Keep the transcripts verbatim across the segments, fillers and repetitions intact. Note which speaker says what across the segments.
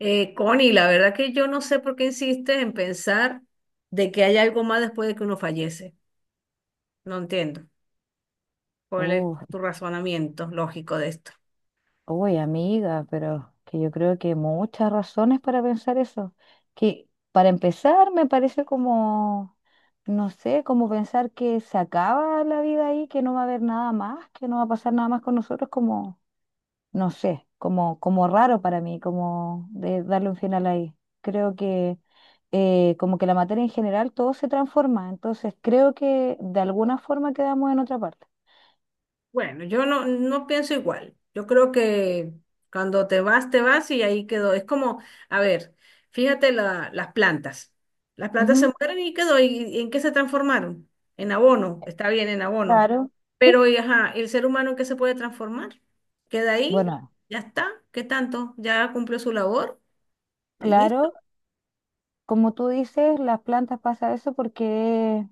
Speaker 1: Eh, Connie, la verdad que yo no sé por qué insistes en pensar de que hay algo más después de que uno fallece. No entiendo cuál es
Speaker 2: Oh,
Speaker 1: tu razonamiento lógico de esto.
Speaker 2: uy, amiga, pero que yo creo que muchas razones para pensar eso. Que para empezar me parece como, no sé, como pensar que se acaba la vida ahí, que no va a haber nada más, que no va a pasar nada más con nosotros, como, no sé, como, como raro para mí, como de darle un final ahí. Creo que eh, como que la materia en general todo se transforma, entonces creo que de alguna forma quedamos en otra parte.
Speaker 1: Bueno, yo no, no pienso igual. Yo creo que cuando te vas, te vas y ahí quedó. Es como, a ver, fíjate la- las plantas. Las plantas se
Speaker 2: Ujú,
Speaker 1: mueren y quedó. ¿Y, y en qué se transformaron? En abono. Está bien, en abono.
Speaker 2: claro. Sí,
Speaker 1: Pero, y ajá, ¿el ser humano en qué se puede transformar? Queda ahí,
Speaker 2: bueno,
Speaker 1: ya está. ¿Qué tanto? Ya cumplió su labor y listo.
Speaker 2: claro. Como tú dices, las plantas pasa eso porque es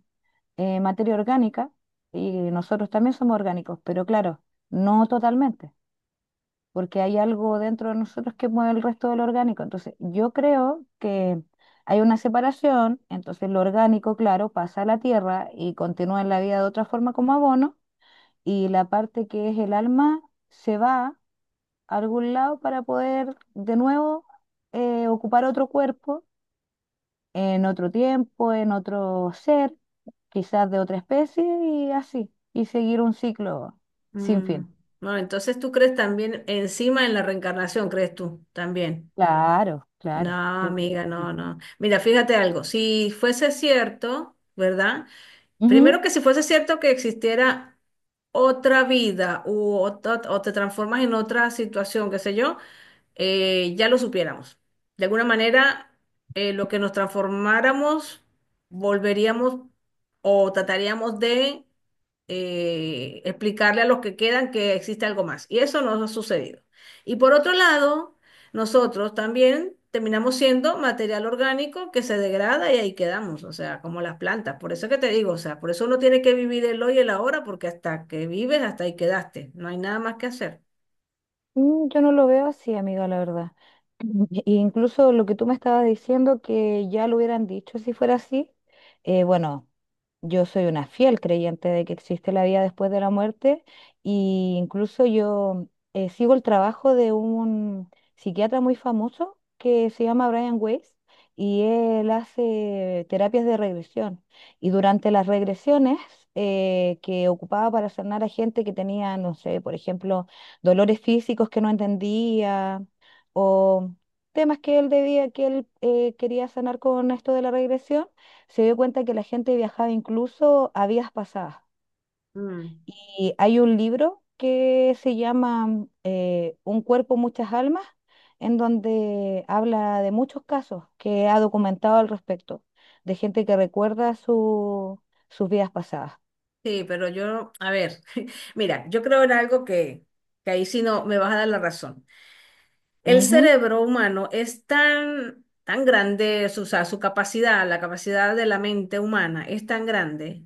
Speaker 2: eh, materia orgánica y nosotros también somos orgánicos, pero claro, no totalmente, porque hay algo dentro de nosotros que mueve el resto del orgánico. Entonces, yo creo que hay una separación, entonces lo orgánico, claro, pasa a la tierra y continúa en la vida de otra forma como abono, y la parte que es el alma se va a algún lado para poder de nuevo eh, ocupar otro cuerpo en otro tiempo, en otro ser, quizás de otra especie y así, y seguir un ciclo sin
Speaker 1: Mm,
Speaker 2: fin.
Speaker 1: bueno, entonces tú crees también encima en la reencarnación, ¿crees tú? También.
Speaker 2: Claro,
Speaker 1: No,
Speaker 2: claro, yo creo
Speaker 1: amiga,
Speaker 2: que
Speaker 1: no, no. Mira, fíjate algo, si fuese cierto, ¿verdad?
Speaker 2: sí.
Speaker 1: Primero que si fuese cierto que existiera otra vida u ot- ot- o te transformas en otra situación, qué sé yo, eh, ya lo supiéramos. De alguna manera, eh, lo que nos transformáramos, volveríamos o trataríamos de eh, explicarle a los que quedan que existe algo más. Y eso nos ha sucedido. Y por otro lado, nosotros también terminamos siendo material orgánico que se degrada y ahí quedamos, o sea, como las plantas. Por eso es que te digo, o sea, por eso uno tiene que vivir el hoy y el ahora, porque hasta que vives, hasta ahí quedaste. No hay nada más que hacer.
Speaker 2: Mm, yo no lo veo así, amiga, la verdad. E incluso lo que tú me estabas diciendo, que ya lo hubieran dicho si fuera así, eh, bueno, yo soy una fiel creyente de que existe la vida después de la muerte y incluso yo eh, sigo el trabajo de un psiquiatra muy famoso que se llama Brian Weiss y él hace terapias de regresión. Y durante las regresiones eh, que ocupaba para sanar a gente que tenía, no sé, por ejemplo, dolores físicos que no entendía o temas que él debía, que él eh, quería sanar con esto de la regresión, se dio cuenta que la gente viajaba incluso a vidas pasadas.
Speaker 1: Mm.
Speaker 2: Y hay un libro que se llama eh, Un cuerpo, muchas almas, en donde habla de muchos casos que ha documentado al respecto, de gente que recuerda su- sus vidas pasadas.
Speaker 1: Sí, pero yo, a ver, mira, yo creo en algo que, que ahí sí no me vas a dar la razón. El
Speaker 2: Ujú.
Speaker 1: cerebro humano es tan, tan grande, su, o sea, su capacidad, la capacidad de la mente humana es tan grande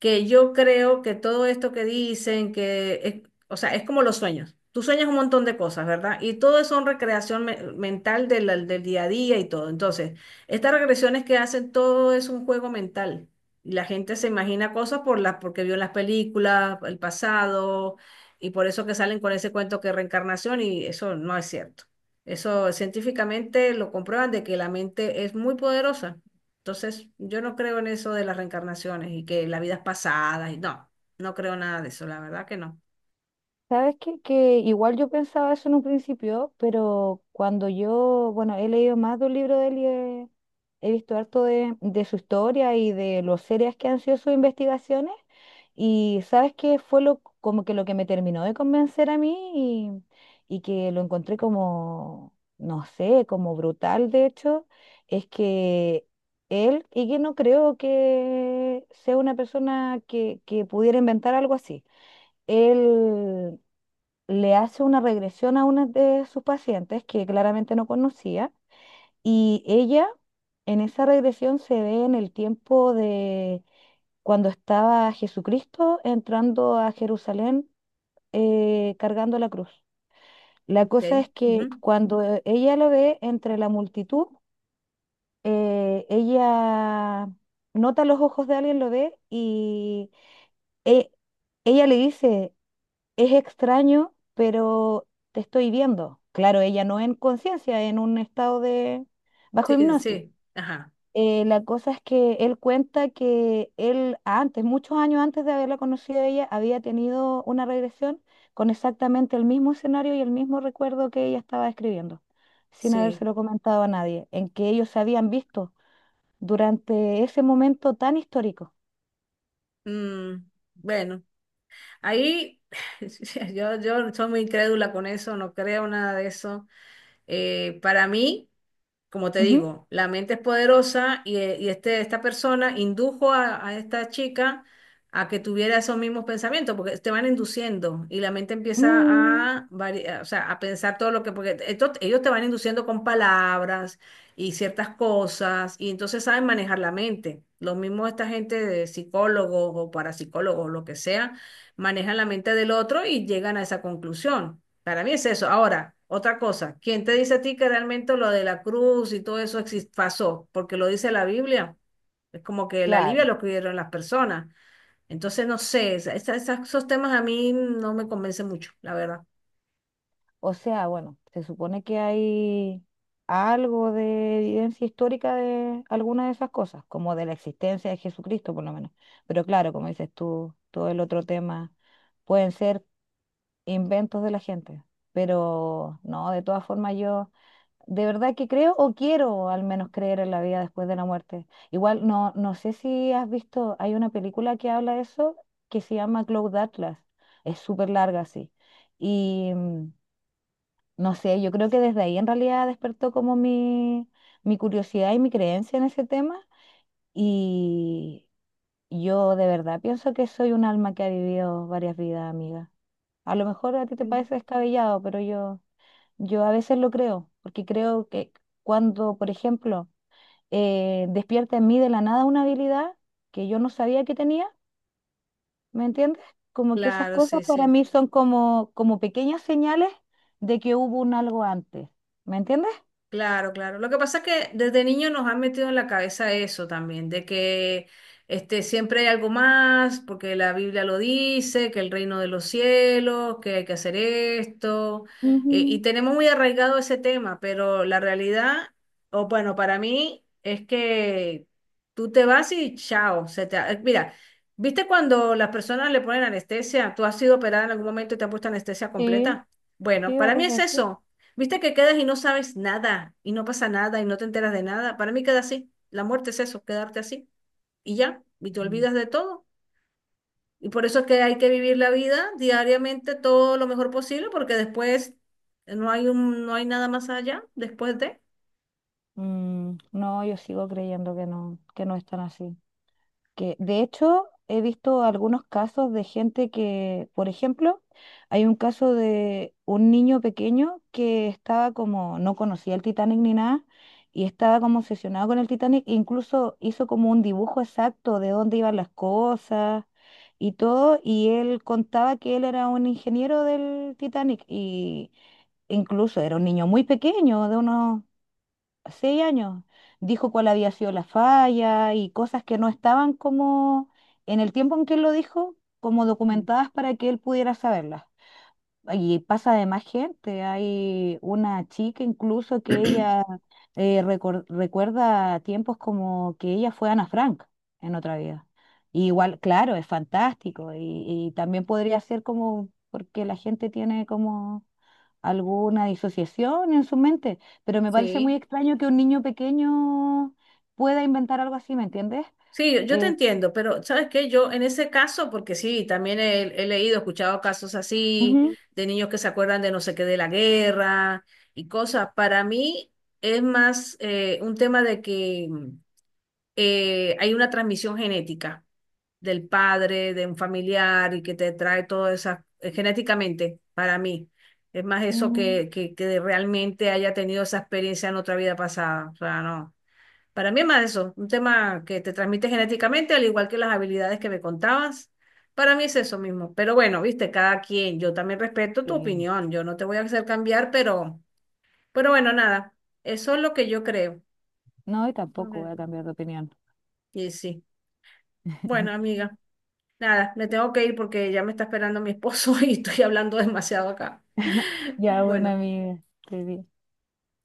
Speaker 1: que yo creo que todo esto que dicen, que, es- o sea, es como los sueños. Tú sueñas un montón de cosas, ¿verdad? Y todo eso es recreación me- mental de la- del día a día y todo. Entonces, estas regresiones que hacen, todo es un juego mental. Y la gente se imagina cosas por las, porque vio en las películas, el pasado, y por eso que salen con ese cuento que reencarnación, y eso no es cierto. Eso científicamente lo comprueban de que la mente es muy poderosa. Entonces, yo no creo en eso de las reencarnaciones y que la vida es pasada y no, no creo nada de eso, la verdad que no.
Speaker 2: Sabes que que igual yo pensaba eso en un principio, pero cuando yo, bueno, he leído más de un libro de él y he, he visto harto de, de su historia y de lo serias que han sido sus investigaciones, y sabes qué fue lo como que lo que me terminó de convencer a mí y, y que lo encontré como, no sé, como brutal de hecho, es que él, y que no creo que sea una persona que, que pudiera inventar algo así. Él le hace una regresión a una de sus pacientes que claramente no conocía y ella en esa regresión se ve en el tiempo de cuando estaba Jesucristo entrando a Jerusalén eh, cargando la cruz. La cosa
Speaker 1: Okay.
Speaker 2: es que
Speaker 1: Ujú.
Speaker 2: cuando eh, ella lo ve entre la multitud, eh, ella nota los ojos de alguien, lo ve y e- ella le dice, es extraño, pero te estoy viendo. Claro, ella no en conciencia, en un estado de bajo
Speaker 1: Sí,
Speaker 2: hipnosis.
Speaker 1: sí, ajá,
Speaker 2: Eh, la cosa es que él cuenta que él antes, muchos años antes de haberla conocido a ella, había tenido una regresión con exactamente el mismo escenario y el mismo recuerdo que ella estaba describiendo, sin
Speaker 1: sí.
Speaker 2: habérselo comentado a nadie, en que ellos se habían visto durante ese momento tan histórico.
Speaker 1: Mm, bueno, ahí yo, yo soy muy incrédula con eso, no creo nada de eso. Eh, para mí, como te
Speaker 2: Ujú.
Speaker 1: digo, la mente es poderosa y, eh, y este, esta persona indujo a, a esta chica a que tuviera esos mismos pensamientos, porque te van induciendo y la mente empieza
Speaker 2: Mm,
Speaker 1: a, vari- a- o sea, a pensar todo lo que, porque esto- ellos te van induciendo con palabras y ciertas cosas, y entonces saben manejar la mente. Lo mismo esta gente de psicólogos o parapsicólogos, lo que sea, manejan la mente del otro y llegan a esa conclusión. Para mí es eso. Ahora, otra cosa, ¿quién te dice a ti que realmente lo de la cruz y todo eso exis- pasó? Porque lo dice la Biblia. Es como que la Biblia
Speaker 2: claro.
Speaker 1: lo escribieron las personas. Entonces, no sé, esa- esa- esas- esos temas a mí no me convencen mucho, la verdad.
Speaker 2: O sea, bueno, se supone que hay algo de evidencia histórica de alguna de esas cosas, como de la existencia de Jesucristo, por lo menos. Pero claro, como dices tú, todo el otro tema pueden ser inventos de la gente. Pero no, de todas formas yo de verdad que creo o quiero al menos creer en la vida después de la muerte. Igual no, no sé si has visto, hay una película que habla de eso que se llama Cloud Atlas. Es súper larga, sí. Y mm, no sé, yo creo que desde ahí en realidad despertó como mi, mi curiosidad y mi creencia en ese tema. Y yo de verdad pienso que soy un alma que ha vivido varias vidas, amiga. A lo mejor a ti te
Speaker 1: Mm.
Speaker 2: parece descabellado, pero yo, yo a veces lo creo, porque creo que cuando, por ejemplo, eh, despierta en mí de la nada una habilidad que yo no sabía que tenía, ¿me entiendes? Como que esas
Speaker 1: Claro,
Speaker 2: cosas
Speaker 1: sí,
Speaker 2: para
Speaker 1: sí.
Speaker 2: mí son como, como pequeñas señales de que hubo un algo antes, ¿me entiendes?
Speaker 1: Claro, claro. Lo que pasa es que desde niño nos han metido en la cabeza eso también, de que este, siempre hay algo más, porque la Biblia lo dice, que el reino de los cielos, que hay que hacer esto, eh,
Speaker 2: Ujú,
Speaker 1: y tenemos muy arraigado ese tema, pero la realidad, o bueno, para mí es que tú te vas y chao. Se te, eh, mira, ¿viste cuando las personas le ponen anestesia? ¿Tú has sido operada en algún momento y te han puesto anestesia
Speaker 2: sí,
Speaker 1: completa? Bueno,
Speaker 2: sí,
Speaker 1: para mí
Speaker 2: varias
Speaker 1: es
Speaker 2: veces.
Speaker 1: eso. Viste que quedas y no sabes nada, y no pasa nada, y no te enteras de nada. Para mí queda así. La muerte es eso, quedarte así. Y ya, y te
Speaker 2: Mm.
Speaker 1: olvidas de todo. Y por eso es que hay que vivir la vida diariamente todo lo mejor posible, porque después no hay un, no hay nada más allá, después de.
Speaker 2: Mm, no, yo sigo creyendo que no, que no es tan así. Que, de hecho, he visto algunos casos de gente que, por ejemplo, hay un caso de un niño pequeño que estaba como, no conocía el Titanic ni nada, y estaba como obsesionado con el Titanic, e incluso hizo como un dibujo exacto de dónde iban las cosas y todo, y él contaba que él era un ingeniero del Titanic y incluso era un niño muy pequeño, de unos seis años, dijo cuál había sido la falla y cosas que no estaban como en el tiempo en que él lo dijo, como
Speaker 1: Ujú.
Speaker 2: documentadas para que él pudiera saberlas. Y pasa de más gente, hay una chica incluso que ella eh, recor- recuerda tiempos como que ella fue Ana Frank en otra vida. Y igual, claro, es fantástico y, y también podría ser como porque la gente tiene como alguna disociación en su mente, pero me parece
Speaker 1: Sí.
Speaker 2: muy extraño que un niño pequeño pueda inventar algo así, ¿me entiendes?
Speaker 1: Sí, yo yo te
Speaker 2: Eh,
Speaker 1: entiendo, pero ¿sabes qué? Yo en ese caso, porque sí, también he, he leído, escuchado casos así,
Speaker 2: Ujú,
Speaker 1: de niños que se acuerdan de no sé qué de la guerra y cosas. Para mí es más eh, un tema de que eh, hay una transmisión genética del padre, de un familiar y que te trae todo eso genéticamente, para mí. Es más eso
Speaker 2: mm,
Speaker 1: que, que, que realmente haya tenido esa experiencia en otra vida pasada. O sea, no. Para mí es más eso, un tema que te transmite genéticamente, al igual que las habilidades que me contabas. Para mí es eso mismo. Pero bueno, viste, cada quien, yo también respeto tu
Speaker 2: eh,
Speaker 1: opinión, yo no te voy a hacer cambiar, pero, pero bueno, nada, eso es lo que yo creo.
Speaker 2: no, y tampoco voy a cambiar de opinión.
Speaker 1: Y sí, bueno, amiga, nada, me tengo que ir porque ya me está esperando mi esposo y estoy hablando demasiado acá.
Speaker 2: Ya, buena
Speaker 1: Bueno.
Speaker 2: amiga. te vi.